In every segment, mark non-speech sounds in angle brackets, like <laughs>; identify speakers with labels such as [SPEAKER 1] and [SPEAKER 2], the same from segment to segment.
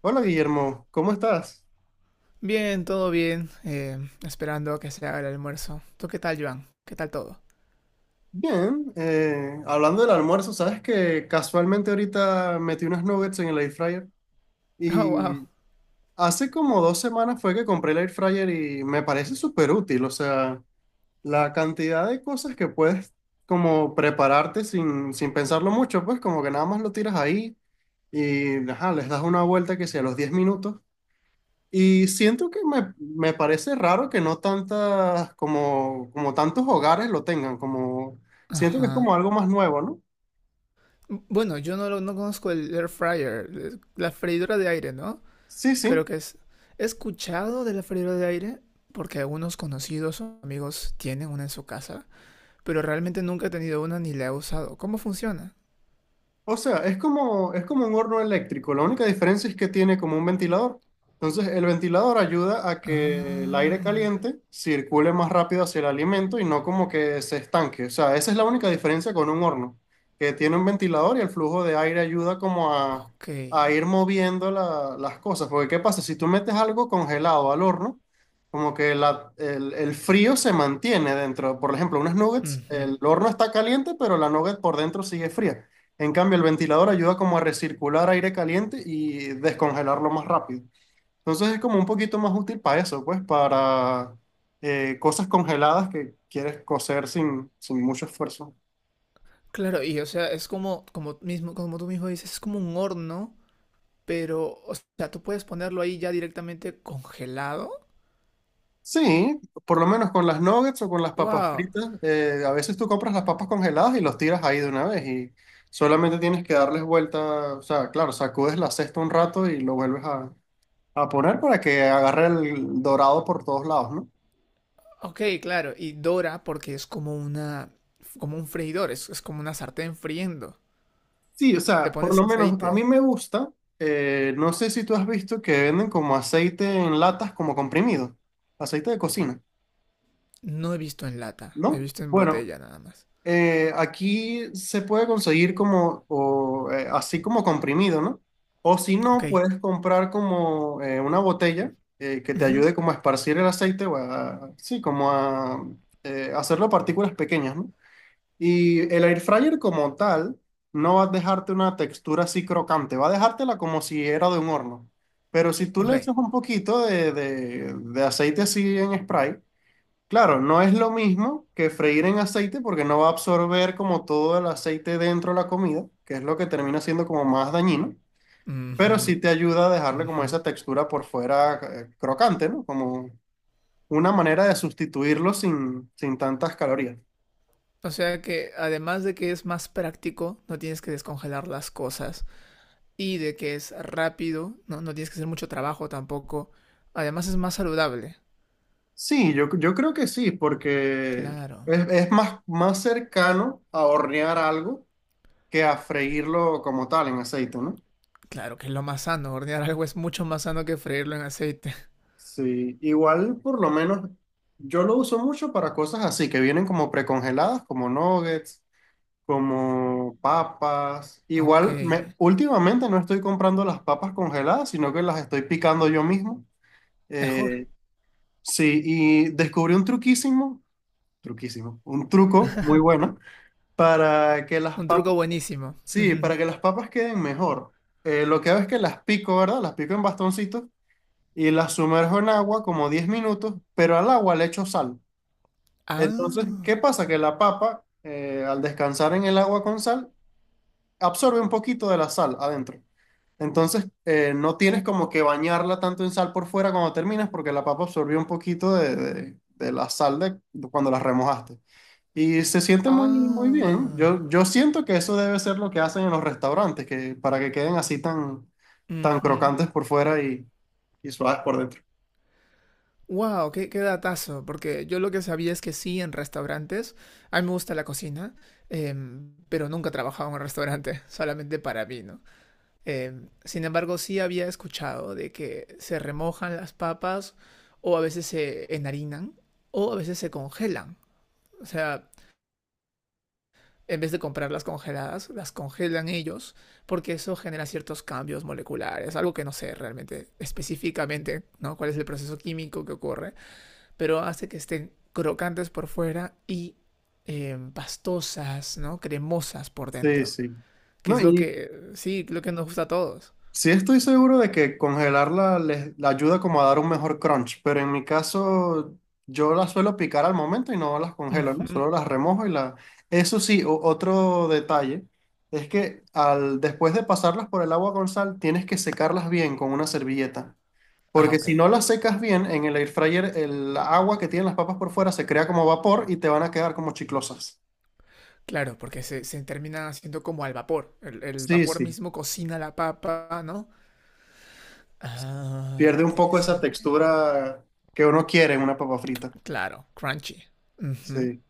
[SPEAKER 1] Hola Guillermo, ¿cómo estás?
[SPEAKER 2] Bien, todo bien. Esperando que se haga el almuerzo. ¿Tú qué tal, Joan? ¿Qué tal todo? <laughs>
[SPEAKER 1] Bien, hablando del almuerzo, sabes que casualmente ahorita metí unos nuggets en el air fryer
[SPEAKER 2] Oh, wow.
[SPEAKER 1] y hace como 2 semanas fue que compré el air fryer y me parece súper útil, o sea, la cantidad de cosas que puedes como prepararte sin pensarlo mucho, pues como que nada más lo tiras ahí y ajá, les das una vuelta que sea a los 10 minutos. Y siento que me parece raro que no tantas, como tantos hogares lo tengan, como siento que es como
[SPEAKER 2] Ajá.
[SPEAKER 1] algo más nuevo, ¿no?
[SPEAKER 2] Bueno, yo no, lo- no conozco el air fryer, la freidora de aire, ¿no?
[SPEAKER 1] Sí, sí.
[SPEAKER 2] Creo que es... He escuchado de la freidora de aire porque algunos conocidos o amigos tienen una en su casa, pero realmente nunca he tenido una ni la he usado. ¿Cómo funciona?
[SPEAKER 1] O sea, es como un horno eléctrico. La única diferencia es que tiene como un ventilador. Entonces, el ventilador ayuda a que el aire caliente circule más rápido hacia el alimento y no como que se estanque. O sea, esa es la única diferencia con un horno, que tiene un ventilador y el flujo de aire ayuda como a,
[SPEAKER 2] Ok.
[SPEAKER 1] a ir moviendo las cosas. Porque, ¿qué pasa? Si tú metes algo congelado al horno, como que el frío se mantiene dentro. Por ejemplo, unas nuggets,
[SPEAKER 2] Ujú.
[SPEAKER 1] el horno está caliente, pero la nugget por dentro sigue fría. En cambio, el ventilador ayuda como a recircular aire caliente y descongelarlo más rápido. Entonces es como un poquito más útil para eso, pues para cosas congeladas que quieres cocer sin mucho esfuerzo.
[SPEAKER 2] Claro, y o sea, mismo, como tú mismo dices, es como un horno. Pero, o sea, tú puedes ponerlo ahí ya directamente congelado.
[SPEAKER 1] Sí, por lo menos con las nuggets o con las papas
[SPEAKER 2] ¡Wow!
[SPEAKER 1] fritas, a veces tú compras las papas congeladas y los tiras ahí de una vez y solamente tienes que darles vuelta, o sea, claro, sacudes la cesta un rato y lo vuelves a poner para que agarre el dorado por todos lados, ¿no?
[SPEAKER 2] Ok, claro. Y dora porque es como una, como un freidor, es como una sartén friendo.
[SPEAKER 1] Sí, o
[SPEAKER 2] Le
[SPEAKER 1] sea, por
[SPEAKER 2] pones
[SPEAKER 1] lo menos
[SPEAKER 2] aceite.
[SPEAKER 1] a mí me gusta. No sé si tú has visto que venden como aceite en latas como comprimido, aceite de cocina,
[SPEAKER 2] No he visto en lata, he
[SPEAKER 1] ¿no?
[SPEAKER 2] visto en
[SPEAKER 1] Bueno,
[SPEAKER 2] botella nada más.
[SPEAKER 1] aquí se puede conseguir como, o, así como comprimido, ¿no? O si
[SPEAKER 2] Ok.
[SPEAKER 1] no, puedes comprar como una botella que te
[SPEAKER 2] Ujú.
[SPEAKER 1] ayude como a esparcir el aceite o a, sí, como a hacerlo partículas pequeñas, ¿no? Y el air fryer como tal no va a dejarte una textura así crocante, va a dejártela como si era de un horno. Pero si tú
[SPEAKER 2] Ok.
[SPEAKER 1] le echas un poquito de aceite así en spray, claro, no es lo mismo que freír en aceite porque no va a absorber como todo el aceite dentro de la comida, que es lo que termina siendo como más dañino, pero sí
[SPEAKER 2] Ujú.
[SPEAKER 1] te ayuda a dejarle como
[SPEAKER 2] Ujú.
[SPEAKER 1] esa textura por fuera crocante, ¿no? Como una manera de sustituirlo sin tantas calorías.
[SPEAKER 2] O sea que además de que es más práctico, no tienes que descongelar las cosas y de que es rápido, no tienes que hacer mucho trabajo tampoco. Además es más saludable.
[SPEAKER 1] Sí, yo creo que sí, porque
[SPEAKER 2] Claro.
[SPEAKER 1] es más, más cercano a hornear algo que a freírlo como tal en aceite, ¿no?
[SPEAKER 2] Claro que es lo más sano. Hornear algo es mucho más sano que freírlo en aceite. <laughs>
[SPEAKER 1] Sí, igual por lo menos yo lo uso mucho para cosas así, que vienen como precongeladas, como nuggets, como papas.
[SPEAKER 2] Ok.
[SPEAKER 1] Igual me, últimamente no estoy comprando las papas congeladas, sino que las estoy picando yo mismo.
[SPEAKER 2] Mejor.
[SPEAKER 1] Eh, sí, y descubrí un truquísimo, truquísimo, un truco muy bueno para que las
[SPEAKER 2] Un
[SPEAKER 1] papas,
[SPEAKER 2] truco buenísimo.
[SPEAKER 1] sí, para que
[SPEAKER 2] <laughs>
[SPEAKER 1] las papas queden mejor. Lo que hago es que las pico, ¿verdad? Las pico en bastoncitos y las sumerjo en agua como 10 minutos, pero al agua le echo sal. Entonces,
[SPEAKER 2] Ah.
[SPEAKER 1] ¿qué pasa? Que la papa, al descansar en el agua con sal, absorbe un poquito de la sal adentro. Entonces, no tienes como que bañarla tanto en sal por fuera cuando terminas, porque la papa absorbió un poquito de la sal de cuando la remojaste. Y se siente muy, muy bien.
[SPEAKER 2] Ah.
[SPEAKER 1] Yo siento que eso debe ser lo que hacen en los restaurantes, que para que queden así tan, tan
[SPEAKER 2] Ujú.
[SPEAKER 1] crocantes por fuera y suaves por dentro.
[SPEAKER 2] Wow, qué datazo. Porque yo lo que sabía es que sí, en restaurantes. A mí me gusta la cocina. Pero nunca he trabajado en un restaurante. <laughs> Solamente para mí, ¿no? Sin embargo, sí había escuchado de que se remojan las papas. O a veces se enharinan. O a veces se congelan. O sea, en vez de comprarlas congeladas, las congelan ellos, porque eso genera ciertos cambios moleculares, algo que no sé realmente específicamente, ¿no? Cuál es el proceso químico que ocurre, pero hace que estén crocantes por fuera y pastosas, ¿no? Cremosas por
[SPEAKER 1] Sí,
[SPEAKER 2] dentro,
[SPEAKER 1] sí.
[SPEAKER 2] que
[SPEAKER 1] No,
[SPEAKER 2] es lo
[SPEAKER 1] y
[SPEAKER 2] que, sí, lo que nos gusta a todos.
[SPEAKER 1] sí estoy seguro de que congelarla les la ayuda como a dar un mejor crunch, pero en mi caso yo las suelo picar al momento y no las congelo, ¿no?
[SPEAKER 2] Ujú.
[SPEAKER 1] Solo las remojo y la... Eso sí, otro detalle es que al, después de pasarlas por el agua con sal, tienes que secarlas bien con una servilleta.
[SPEAKER 2] Ah,
[SPEAKER 1] Porque
[SPEAKER 2] ok.
[SPEAKER 1] si no las secas bien, en el air fryer el agua que tienen las papas por fuera se crea como vapor y te van a quedar como chiclosas.
[SPEAKER 2] Claro, porque se termina haciendo como al vapor. El
[SPEAKER 1] Sí,
[SPEAKER 2] vapor
[SPEAKER 1] sí.
[SPEAKER 2] mismo cocina la papa, ¿no? Ah,
[SPEAKER 1] Pierde un poco esa
[SPEAKER 2] interesante.
[SPEAKER 1] textura que uno quiere en una papa frita.
[SPEAKER 2] Claro, crunchy. Ujú.
[SPEAKER 1] Sí.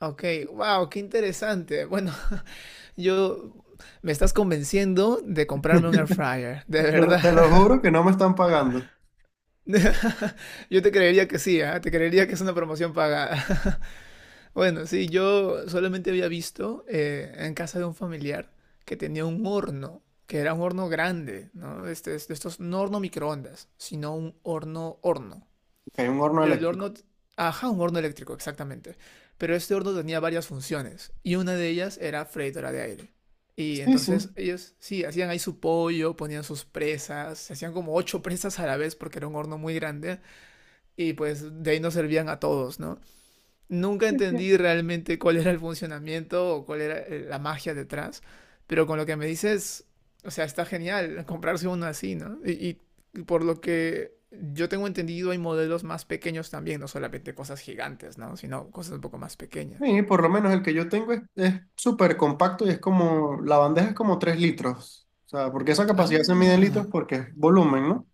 [SPEAKER 2] Ok, wow, qué interesante. Bueno, <laughs> yo me estás convenciendo de comprarme un air fryer, de
[SPEAKER 1] Te lo,
[SPEAKER 2] verdad.
[SPEAKER 1] te lo juro que no me están pagando.
[SPEAKER 2] <laughs> Yo te creería que sí, ¿ah? Te creería que es una promoción pagada. <laughs> Bueno, sí, yo solamente había visto en casa de un familiar que tenía un horno, que era un horno grande, ¿no? Este, estos, no horno microondas, sino un horno horno.
[SPEAKER 1] Que hay un horno
[SPEAKER 2] Pero el
[SPEAKER 1] eléctrico.
[SPEAKER 2] horno, ajá, un horno eléctrico, exactamente. Pero este horno tenía varias funciones y una de ellas era freidora de aire. Y
[SPEAKER 1] Sí, sí.
[SPEAKER 2] entonces ellos, sí, hacían ahí su pollo, ponían sus presas, se hacían como ocho <laughs> presas a la vez porque era un horno muy grande y pues de ahí nos servían a todos, ¿no? Nunca
[SPEAKER 1] Es que-
[SPEAKER 2] entendí realmente cuál era el funcionamiento o cuál era la magia detrás, pero con lo que me dices, o sea, está genial comprarse uno así, ¿no? Y por lo que yo tengo entendido, hay modelos más pequeños también, no solamente cosas gigantes, ¿no? Sino cosas un poco más pequeñas.
[SPEAKER 1] sí, por lo menos el que yo tengo es súper compacto y es como, la bandeja es como 3 litros. O sea, porque esa capacidad se mide en litros
[SPEAKER 2] Ah,
[SPEAKER 1] porque es volumen, ¿no?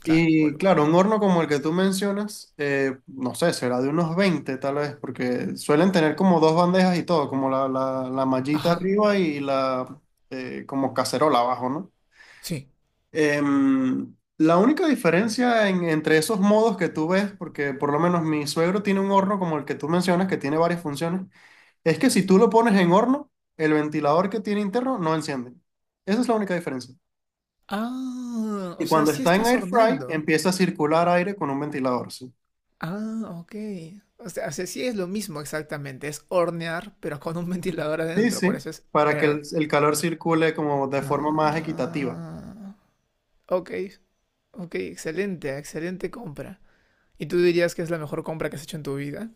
[SPEAKER 2] claro,
[SPEAKER 1] Y
[SPEAKER 2] volumen.
[SPEAKER 1] claro, un horno como el que tú mencionas, no sé, será de unos 20, tal vez, porque suelen tener como dos bandejas y todo, como la mallita
[SPEAKER 2] Ajá,
[SPEAKER 1] arriba y la como cacerola abajo, ¿no?
[SPEAKER 2] sí.
[SPEAKER 1] La única diferencia entre esos modos que tú ves, porque por lo menos mi suegro tiene un horno como el que tú mencionas, que tiene varias funciones, es que si tú lo pones en horno, el ventilador que tiene interno no enciende. Esa es la única diferencia.
[SPEAKER 2] Ah, o
[SPEAKER 1] Y
[SPEAKER 2] sea,
[SPEAKER 1] cuando
[SPEAKER 2] sí
[SPEAKER 1] está en
[SPEAKER 2] estás
[SPEAKER 1] air fry,
[SPEAKER 2] horneando.
[SPEAKER 1] empieza a circular aire con un ventilador. ¿Sí?
[SPEAKER 2] Ah, ok. O sea, sí es lo mismo exactamente. Es hornear, pero con un <laughs> ventilador
[SPEAKER 1] Sí,
[SPEAKER 2] adentro. Por
[SPEAKER 1] sí,
[SPEAKER 2] eso es
[SPEAKER 1] para que el,
[SPEAKER 2] air.
[SPEAKER 1] el calor circule como de forma más equitativa.
[SPEAKER 2] Ah, ok, ok, excelente, excelente compra. ¿Y tú dirías que es la mejor compra que has hecho en tu vida?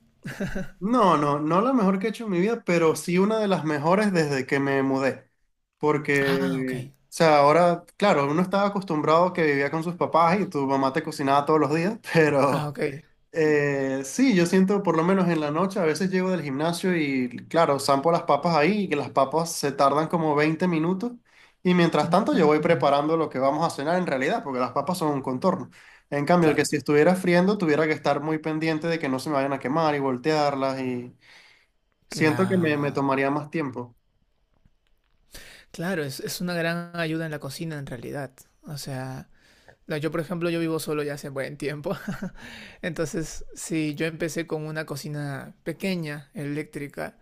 [SPEAKER 1] No, no, no la mejor que he hecho en mi vida, pero sí una de las mejores desde que me mudé.
[SPEAKER 2] Ah, ok,
[SPEAKER 1] Porque, o sea, ahora, claro, uno estaba acostumbrado que vivía con sus papás y tu mamá te cocinaba todos los días, <laughs>
[SPEAKER 2] ah,
[SPEAKER 1] pero
[SPEAKER 2] ok.
[SPEAKER 1] Sí, yo siento por lo menos en la noche, a veces llego del gimnasio y claro, zampo las papas ahí y que las papas se tardan como 20 minutos y mientras tanto yo voy
[SPEAKER 2] Mm,
[SPEAKER 1] preparando lo que vamos a cenar en realidad, porque las papas son un contorno. En cambio, el que
[SPEAKER 2] claro,
[SPEAKER 1] si estuviera friendo tuviera que estar muy pendiente de que no se me vayan a quemar y voltearlas y siento que me
[SPEAKER 2] claro.
[SPEAKER 1] tomaría más tiempo.
[SPEAKER 2] Claro, es una gran ayuda en la cocina en realidad. O sea, no, yo por ejemplo, yo vivo solo ya hace buen tiempo. <laughs> Entonces, sí, yo empecé con una cocina pequeña, eléctrica.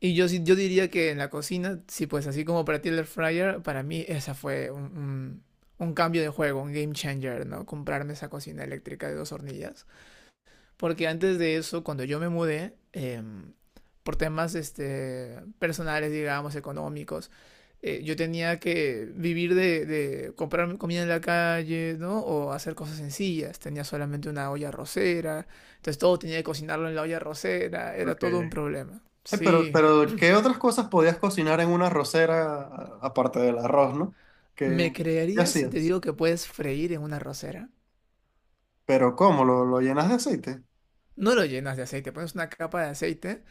[SPEAKER 2] Yo diría que en la cocina, sí, pues así como para ti el air fryer, para mí esa fue un cambio de juego, un game changer, ¿no? Comprarme esa cocina eléctrica de dos hornillas. Porque antes de eso, cuando yo me mudé, por temas este, personales, digamos, económicos, yo tenía que vivir de comprar comida en la calle, ¿no? O hacer cosas sencillas. Tenía solamente una olla arrocera, entonces todo tenía que cocinarlo en la olla arrocera, era
[SPEAKER 1] Ok.
[SPEAKER 2] todo un problema. Sí.
[SPEAKER 1] Pero, ¿qué otras cosas podías cocinar en una arrocera aparte del arroz, ¿no?
[SPEAKER 2] ¿Me
[SPEAKER 1] ¿Qué, qué
[SPEAKER 2] creerías si te
[SPEAKER 1] hacías?
[SPEAKER 2] digo que puedes freír en una arrocera?
[SPEAKER 1] Pero ¿cómo? ¿Lo llenas de aceite?
[SPEAKER 2] No lo llenas de aceite, pones una capa de aceite.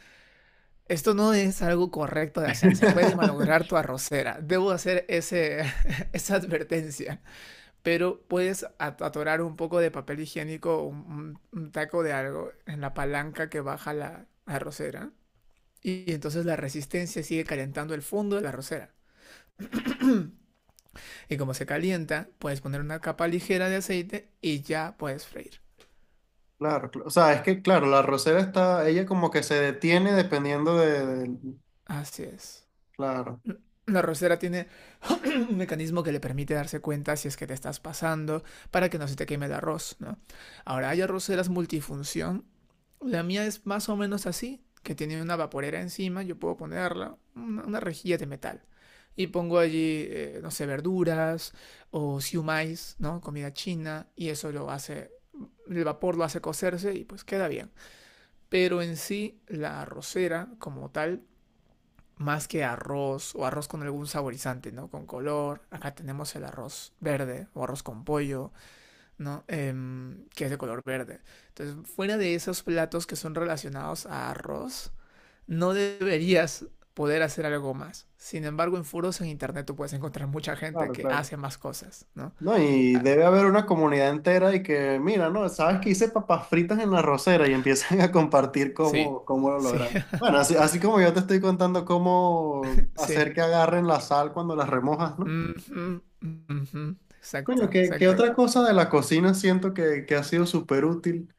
[SPEAKER 2] Esto no es algo correcto de hacer, se puede malograr
[SPEAKER 1] <laughs>
[SPEAKER 2] tu arrocera. Debo hacer <laughs> esa advertencia. Pero puedes atorar un poco de papel higiénico, taco de algo en la palanca que baja la arrocera. Y entonces la resistencia sigue calentando el fondo de la arrocera. Y como se calienta, puedes poner una capa ligera de aceite y ya puedes freír.
[SPEAKER 1] Claro, o sea, es que, claro, la rosera está, ella como que se detiene dependiendo de.
[SPEAKER 2] Así es.
[SPEAKER 1] Claro,
[SPEAKER 2] La rosera tiene <clears throat> <coughs> un mecanismo que le permite darse cuenta si es que te estás pasando para que no se te queme el arroz, ¿no? Ahora, hay arroceras multifunción. La mía es más o menos así, que tiene una vaporera encima, yo puedo ponerla, una rejilla de metal. Y pongo allí, no sé, verduras o siumais, ¿no? Comida china, y eso lo hace el vapor lo hace cocerse y pues queda bien. Pero en sí, la arrocera como tal, más que arroz o arroz con algún saborizante, ¿no? Con color. Acá tenemos el arroz verde o arroz con pollo, ¿no? Que es de color verde. Entonces, fuera de esos platos que son relacionados a arroz, no deberías poder hacer algo más. Sin embargo, en foros en internet tú puedes encontrar mucha gente
[SPEAKER 1] claro,
[SPEAKER 2] que
[SPEAKER 1] claro.
[SPEAKER 2] hace más cosas, ¿no?
[SPEAKER 1] No, y
[SPEAKER 2] Claro.
[SPEAKER 1] debe haber una comunidad entera y que, mira, no, sabes que hice papas fritas en la rosera y empiezan <laughs> a compartir
[SPEAKER 2] Sí,
[SPEAKER 1] cómo, cómo lo
[SPEAKER 2] sí,
[SPEAKER 1] logran.
[SPEAKER 2] <laughs>
[SPEAKER 1] Bueno, así, así como yo te estoy contando cómo
[SPEAKER 2] sí.
[SPEAKER 1] hacer que agarren la sal cuando las remojas, ¿no?
[SPEAKER 2] Mm -hmm, mm -hmm.
[SPEAKER 1] Coño,
[SPEAKER 2] Exacto,
[SPEAKER 1] qué
[SPEAKER 2] exacto.
[SPEAKER 1] otra cosa de la cocina siento que, ha sido súper útil.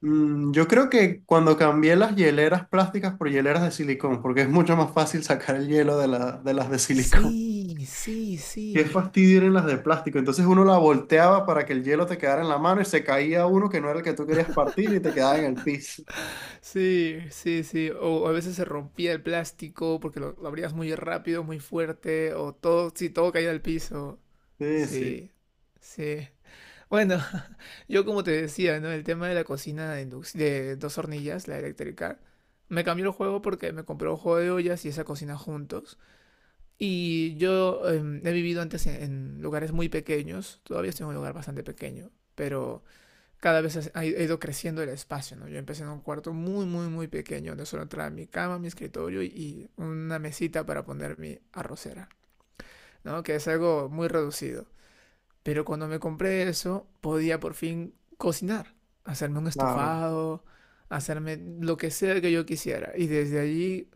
[SPEAKER 1] Yo creo que cuando cambié las hieleras plásticas por hieleras de silicón, porque es mucho más fácil sacar el hielo de, de las de silicón.
[SPEAKER 2] Sí, sí,
[SPEAKER 1] <laughs> Qué
[SPEAKER 2] sí.
[SPEAKER 1] fastidio eran las de plástico. Entonces uno la volteaba para que el hielo te quedara en la mano y se caía uno que no era el que tú querías partir y te quedaba en el piso.
[SPEAKER 2] Sí, sí, sí. O a veces se rompía el plástico porque lo abrías muy rápido, muy fuerte, o todo, sí, todo caía al piso.
[SPEAKER 1] Sí, sí,
[SPEAKER 2] Sí, sí. Bueno, <laughs> yo como te decía, ¿no? El tema de la cocina de dos hornillas, la eléctrica, me cambió el juego porque me compré un juego de ollas y esa cocina juntos. Y yo he vivido antes en lugares muy pequeños, todavía estoy en un lugar bastante pequeño, pero cada vez ha ido creciendo el espacio, ¿no? Yo empecé en un cuarto muy, muy, muy pequeño, donde solo entraba mi cama, mi escritorio y una mesita para poner mi arrocera, ¿no? Que es algo muy reducido. Pero cuando me compré eso, podía por fin cocinar, hacerme un
[SPEAKER 1] claro.
[SPEAKER 2] estofado, hacerme lo que sea que yo quisiera. Y desde allí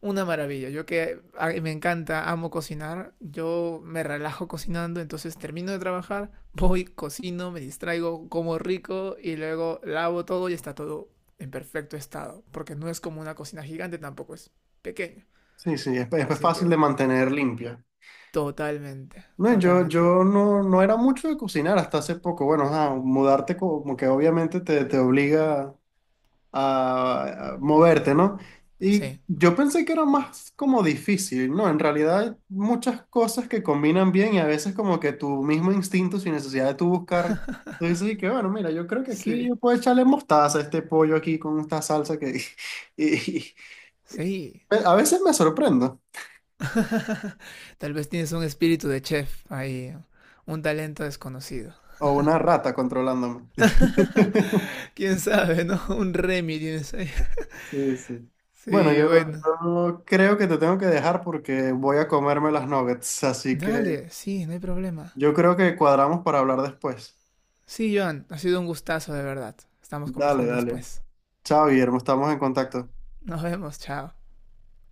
[SPEAKER 2] una maravilla. Yo que me encanta, amo cocinar. Yo me relajo cocinando, entonces termino de trabajar, voy, cocino, me distraigo, como rico y luego lavo todo y está todo en perfecto estado. Porque no es como una cocina gigante, tampoco es pequeño.
[SPEAKER 1] Sí, sí, es
[SPEAKER 2] Así
[SPEAKER 1] fácil de
[SPEAKER 2] que
[SPEAKER 1] mantener limpia.
[SPEAKER 2] totalmente,
[SPEAKER 1] No, yo,
[SPEAKER 2] totalmente.
[SPEAKER 1] yo no, no era mucho de cocinar hasta hace poco. Bueno, ajá, mudarte como que obviamente te obliga a moverte, ¿no? Y
[SPEAKER 2] Sí,
[SPEAKER 1] yo pensé que era más como difícil, ¿no? En realidad hay muchas cosas que combinan bien y a veces como que tu mismo instinto, sin necesidad de tú buscar, tú dices y que bueno, mira, yo creo que aquí
[SPEAKER 2] sí,
[SPEAKER 1] yo puedo echarle mostaza a este pollo aquí con esta salsa que... <laughs> y-
[SPEAKER 2] sí.
[SPEAKER 1] a veces me sorprendo,
[SPEAKER 2] <laughs> Tal vez tienes un espíritu de chef ahí, un talento desconocido.
[SPEAKER 1] o una rata controlándome. <laughs>
[SPEAKER 2] <laughs> ¿Quién sabe, no? Un Remy tienes ahí.
[SPEAKER 1] Sí, sí. Bueno,
[SPEAKER 2] Sí,
[SPEAKER 1] yo,
[SPEAKER 2] bueno.
[SPEAKER 1] yo creo que te tengo que dejar porque voy a comerme las nuggets, así que
[SPEAKER 2] Dale, sí, no hay problema.
[SPEAKER 1] yo creo que cuadramos para hablar después.
[SPEAKER 2] Sí, Joan, ha sido un gustazo de verdad. Estamos
[SPEAKER 1] Dale,
[SPEAKER 2] conversando
[SPEAKER 1] dale.
[SPEAKER 2] después.
[SPEAKER 1] Chao, Guillermo, estamos en contacto.
[SPEAKER 2] Nos vemos, chao.